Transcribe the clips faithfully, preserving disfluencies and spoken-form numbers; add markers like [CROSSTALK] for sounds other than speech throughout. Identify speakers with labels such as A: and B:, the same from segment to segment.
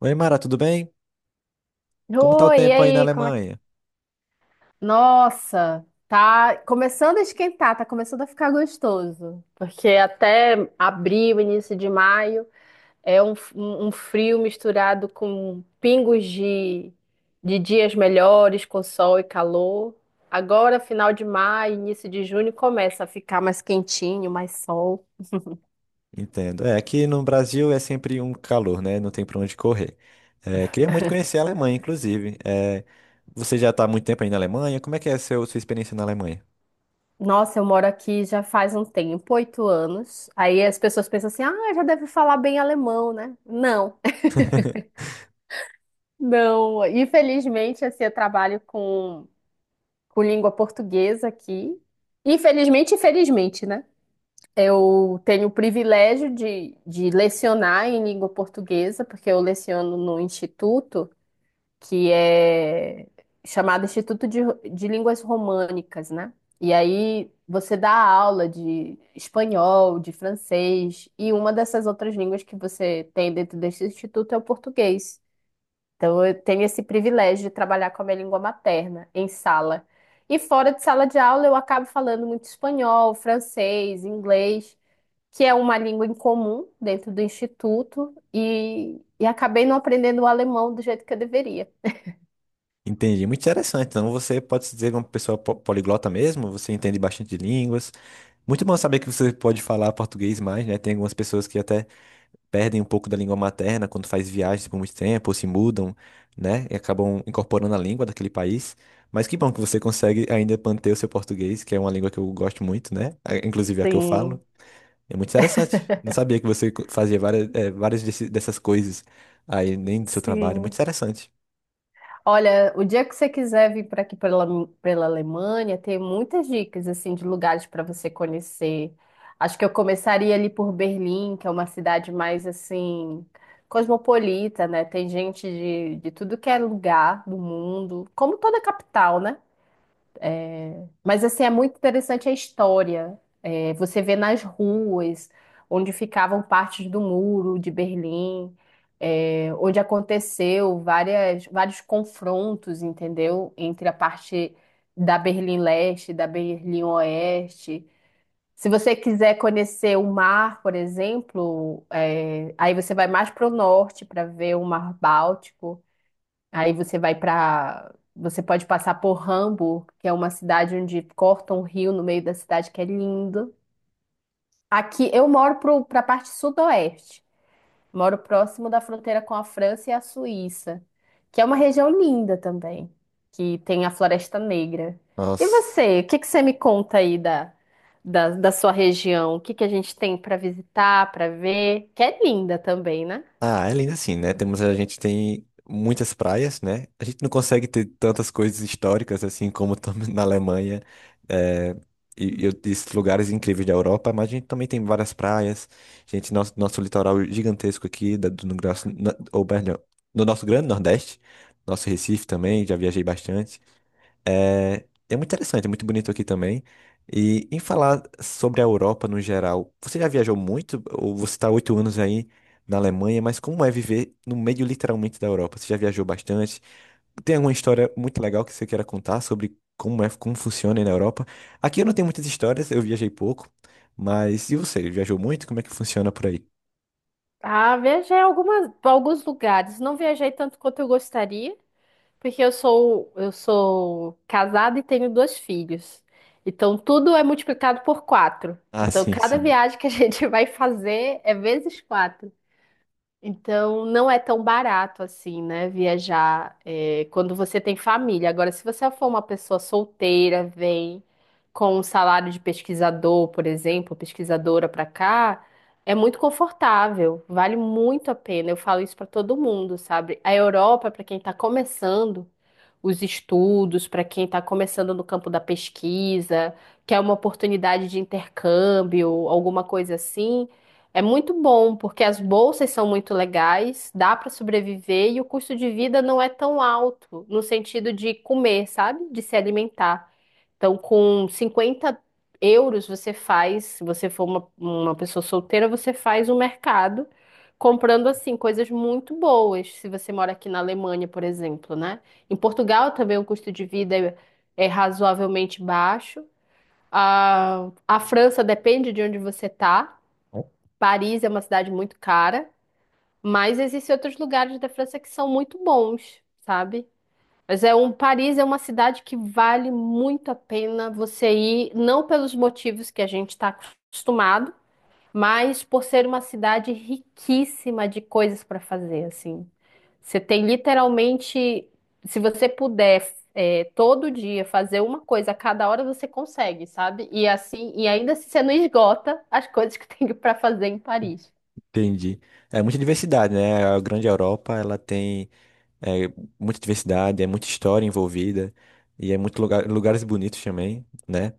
A: Oi, Mara, tudo bem? Como tá o
B: Oi, e
A: tempo aí na
B: aí, como é que...
A: Alemanha?
B: Nossa, tá começando a esquentar, tá começando a ficar gostoso. Porque até abril, início de maio, é um, um um frio misturado com pingos de, de dias melhores, com sol e calor. Agora, final de maio, início de junho, começa a ficar mais quentinho, mais sol.
A: Entendo. É, aqui no Brasil é sempre um calor, né? Não tem pra onde correr. É, queria muito conhecer a Alemanha, inclusive. É, você já tá há muito tempo aí na Alemanha? Como é que é a seu, sua experiência na Alemanha?
B: Nossa, eu moro aqui já faz um tempo, oito anos. Aí as pessoas pensam assim, ah, já deve falar bem alemão, né? Não.
A: [LAUGHS]
B: Não, infelizmente, assim, eu trabalho com, com língua portuguesa aqui. Infelizmente, infelizmente, né? Eu tenho o privilégio de, de lecionar em língua portuguesa, porque eu leciono no instituto, que é chamado Instituto de, de Línguas Românicas, né? E aí você dá aula de espanhol, de francês, e uma dessas outras línguas que você tem dentro desse instituto é o português. Então, eu tenho esse privilégio de trabalhar com a minha língua materna em sala. E fora de sala de aula, eu acabo falando muito espanhol, francês, inglês, que é uma língua em comum dentro do instituto, e, e acabei não aprendendo o alemão do jeito que eu deveria.
A: Entendi, muito interessante. Então você pode se dizer uma pessoa po- poliglota mesmo? Você entende bastante de línguas. Muito bom saber que você pode falar português mais, né? Tem algumas pessoas que até perdem um pouco da língua materna quando faz viagens por muito tempo, ou se mudam, né? E acabam incorporando a língua daquele país. Mas que bom que você consegue ainda manter o seu português, que é uma língua que eu gosto muito, né? a- Inclusive a que eu falo.
B: Sim,
A: É muito interessante. Não sabia que você co- fazia várias, eh, várias desse- dessas coisas aí, nem do seu trabalho. Muito
B: sim.
A: interessante.
B: Olha, o dia que você quiser vir para aqui pela, pela Alemanha, tem muitas dicas assim de lugares para você conhecer. Acho que eu começaria ali por Berlim, que é uma cidade mais assim cosmopolita, né? Tem gente de, de tudo que é lugar do mundo, como toda capital, né? Mas assim é muito interessante a história. É, Você vê nas ruas onde ficavam partes do muro de Berlim, é, onde aconteceu várias, vários confrontos, entendeu? Entre a parte da Berlim Leste e da Berlim Oeste. Se você quiser conhecer o mar, por exemplo, é, aí você vai mais para o norte para ver o Mar Báltico. Aí você vai para. Você pode passar por Hamburgo, que é uma cidade onde corta um rio no meio da cidade, que é lindo. Aqui eu moro para a parte sudoeste. Moro próximo da fronteira com a França e a Suíça, que é uma região linda também, que tem a Floresta Negra. E
A: Nossa.
B: você, o que que você me conta aí da, da, da sua região? O que que a gente tem para visitar, para ver? Que é linda também, né?
A: Ah, é lindo assim, né? Temos, a gente tem muitas praias, né? A gente não consegue ter tantas coisas históricas assim como tam- [LAUGHS] na Alemanha eh, e, e esses lugares incríveis da Europa, mas a gente também tem várias praias. Gente, nosso, nosso litoral gigantesco aqui, da, do, no, graço- na- ou, perdão, no nosso Grande Nordeste, nosso Recife também, já viajei bastante. É, é muito interessante, é muito bonito aqui também. E em falar sobre a Europa no geral, você já viajou muito? Ou você está oito anos aí na Alemanha, mas como é viver no meio literalmente da Europa? Você já viajou bastante? Tem alguma história muito legal que você queira contar sobre como é, como funciona aí na Europa? Aqui eu não tenho muitas histórias, eu viajei pouco, mas e você? Viajou muito? Como é que funciona por aí?
B: Ah, viajei algumas, pra alguns lugares. Não viajei tanto quanto eu gostaria. Porque eu sou, eu sou casada e tenho dois filhos. Então tudo é multiplicado por quatro.
A: Ah,
B: Então
A: sim,
B: cada
A: sim,
B: viagem que a [LAUGHS] gente vai fazer é vezes quatro. Então, não é tão barato assim, né? Viajar, é, quando você tem família. Agora, se você for uma pessoa solteira, vem com um salário de pesquisador, por exemplo, pesquisadora para cá, é muito confortável, vale muito a pena. Eu falo isso para todo mundo, sabe? A Europa, para quem está começando os estudos, para quem está começando no campo da pesquisa, quer uma oportunidade de intercâmbio, alguma coisa assim. É muito bom, porque as bolsas são muito legais, dá para sobreviver e o custo de vida não é tão alto, no sentido de comer, sabe? De se alimentar. Então, com cinquenta euros, você faz, se você for uma, uma pessoa solteira, você faz um mercado comprando, assim, coisas muito boas, se você mora aqui na Alemanha, por exemplo, né? Em Portugal também o custo de vida é é razoavelmente baixo. A, a França depende de onde você está. Paris é uma cidade muito cara, mas existem outros lugares da França que são muito bons, sabe? Mas é um Paris é uma cidade que vale muito a pena você ir, não pelos motivos que a gente está acostumado, mas por ser uma cidade riquíssima de coisas para fazer, assim. Você tem literalmente, se você puder, é, todo dia fazer uma coisa, a cada hora você consegue, sabe? E assim, e ainda assim você não esgota as coisas que [LAUGHS] tem para fazer em Paris.
A: entendi. É muita diversidade, né? A grande Europa, ela tem é muita diversidade, é muita história envolvida e é muito lugar, lugares bonitos também, né?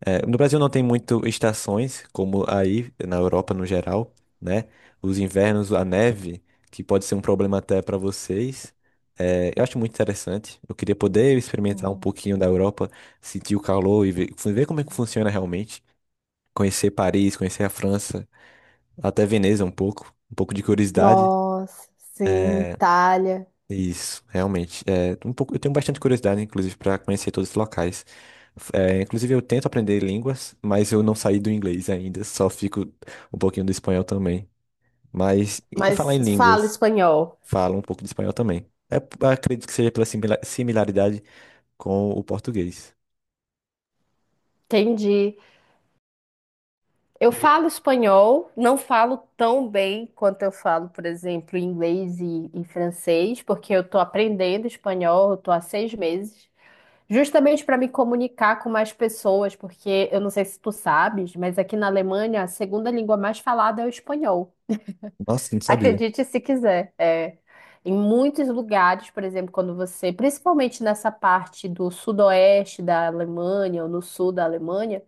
A: É, no Brasil não tem muito estações, como aí na Europa no geral, né? Os invernos, a neve, que pode ser um problema até para vocês. É, eu acho muito interessante. Eu queria poder experimentar um
B: Sim.
A: pouquinho da Europa, sentir o calor e ver, ver como é que funciona realmente. Conhecer Paris, conhecer a França, até Veneza um pouco, um pouco de curiosidade.
B: Nossa, sim, Itália.
A: Isso, realmente. É, um pouco, eu tenho bastante curiosidade, inclusive, para conhecer todos os locais. É, inclusive, eu tento aprender línguas, mas eu não saí do inglês ainda, só fico um pouquinho do espanhol também. Mas, e falar em
B: Mas falo
A: línguas,
B: espanhol.
A: falo um pouco de espanhol também. É, acredito que seja pela simila- similaridade com o português.
B: Entendi. Eu
A: E-
B: falo espanhol, não falo tão bem quanto eu falo, por exemplo, inglês e, e francês, porque eu estou aprendendo espanhol, eu estou há seis meses, justamente para me comunicar com mais pessoas, porque eu não sei se tu sabes, mas aqui na Alemanha a segunda língua mais falada é o espanhol.
A: nossa, não sabia.
B: Acredite se quiser. É. Em muitos lugares, por exemplo, quando você, principalmente nessa parte do sudoeste da Alemanha ou no sul da Alemanha,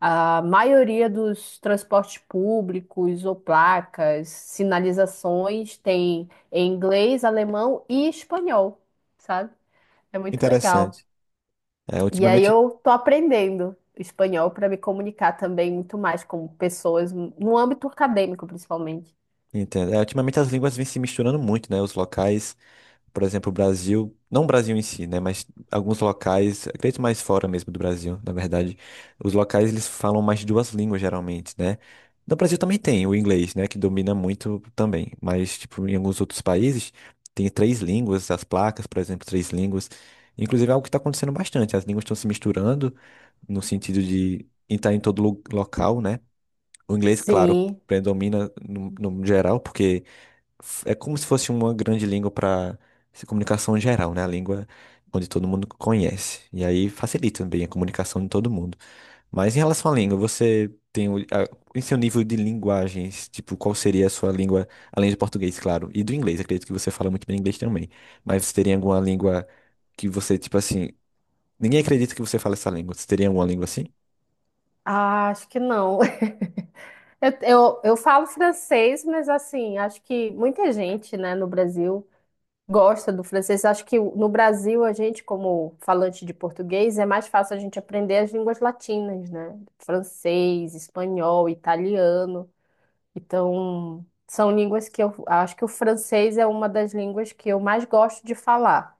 B: a maioria dos transportes públicos ou placas, sinalizações tem em inglês, alemão e espanhol, sabe? É muito legal.
A: Interessante. É,
B: E aí
A: ultimamente,
B: eu tô aprendendo espanhol para me comunicar também muito mais com pessoas no âmbito acadêmico, principalmente.
A: entendo. É, ultimamente as línguas vêm se misturando muito, né? Os locais. Por exemplo, o Brasil, não o Brasil em si, né, mas alguns locais, acredito mais fora mesmo do Brasil, na verdade, os locais eles falam mais de duas línguas geralmente, né? No Brasil também tem o inglês, né, que domina muito também, mas tipo em alguns outros países tem três línguas, as placas, por exemplo, três línguas. Inclusive é algo que está acontecendo bastante, as línguas estão se misturando no sentido de estar em todo lo- local, né? O inglês, claro,
B: Sim.
A: predomina no, no geral, porque é como se fosse uma grande língua para comunicação geral, né? A língua onde todo mundo conhece. E aí facilita também a comunicação de todo mundo. Mas em relação à língua, você tem o, a- em seu nível de linguagens, tipo, qual seria a sua língua, além do português, claro, e do inglês, acredito que você fala muito bem inglês também. Mas você teria alguma língua que você, tipo assim, ninguém acredita que você fala essa língua. Você teria alguma língua assim?
B: Ah, acho que não. [LAUGHS] Eu, eu, eu falo francês, mas assim, acho que muita gente, né, no Brasil gosta do francês. Acho que no Brasil, a gente, como falante de português, é mais fácil a gente aprender as línguas latinas, né? Francês, espanhol, italiano. Então, são línguas que eu acho que o francês é uma das línguas que eu mais gosto de falar.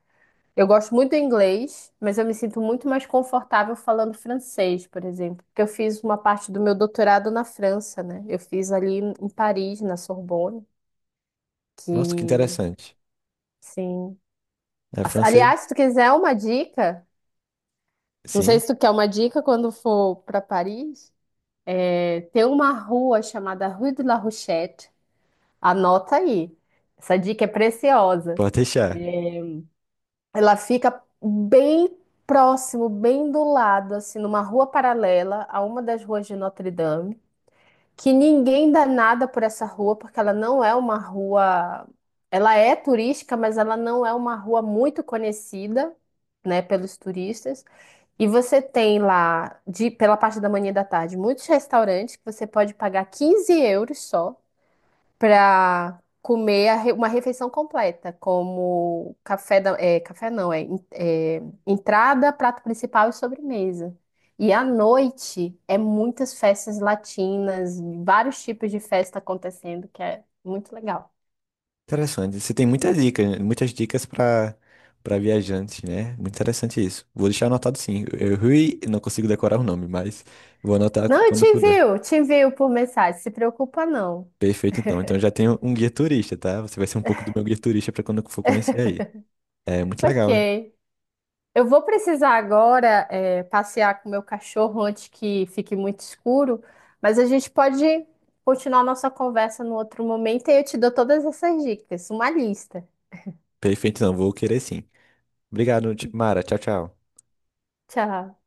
B: Eu gosto muito do inglês, mas eu me sinto muito mais confortável falando francês, por exemplo, porque eu fiz uma parte do meu doutorado na França, né? Eu fiz ali em Paris, na Sorbonne,
A: Nossa, que
B: que,
A: interessante.
B: sim.
A: É
B: Af-
A: francês?
B: Aliás, se tu quiser uma dica, não sei
A: Sim,
B: se tu quer uma dica quando for para Paris, é, tem uma rua chamada Rue de la Rochette. Anota aí. Essa dica é preciosa.
A: pode deixar.
B: É, Ela fica bem próximo, bem do lado, assim, numa rua paralela a uma das ruas de Notre Dame, que ninguém dá nada por essa rua, porque ela não é uma rua. Ela é turística, mas ela não é uma rua muito conhecida, né, pelos turistas. E você tem lá, de, pela parte da manhã e da tarde, muitos restaurantes que você pode pagar quinze euros só para comer a re- uma refeição completa, como café da, é, café não, é, en- é, entrada, prato principal e sobremesa. E à noite é muitas festas latinas, vários tipos de festa acontecendo, que é muito legal.
A: Interessante. Você tem muitas dicas, muitas dicas para para viajantes, né? Muito interessante isso. Vou deixar anotado sim. Eu, eu Rui, não consigo decorar o nome, mas vou anotar
B: Não, eu te
A: quando puder.
B: envio, te envio por mensagem, se preocupa não.
A: Perfeito, então. Então eu já tenho um guia turista, tá? Você vai ser um pouco do meu guia turista para quando eu for conhecer aí. É muito legal, né?
B: Ok. Eu vou precisar agora, é, passear com meu cachorro antes que fique muito escuro, mas a gente pode continuar nossa conversa no outro momento e eu te dou todas essas dicas, uma lista.
A: Perfeito, não. Vou querer sim. Obrigado, Ti- Mara. Tchau, tchau.
B: Tchau.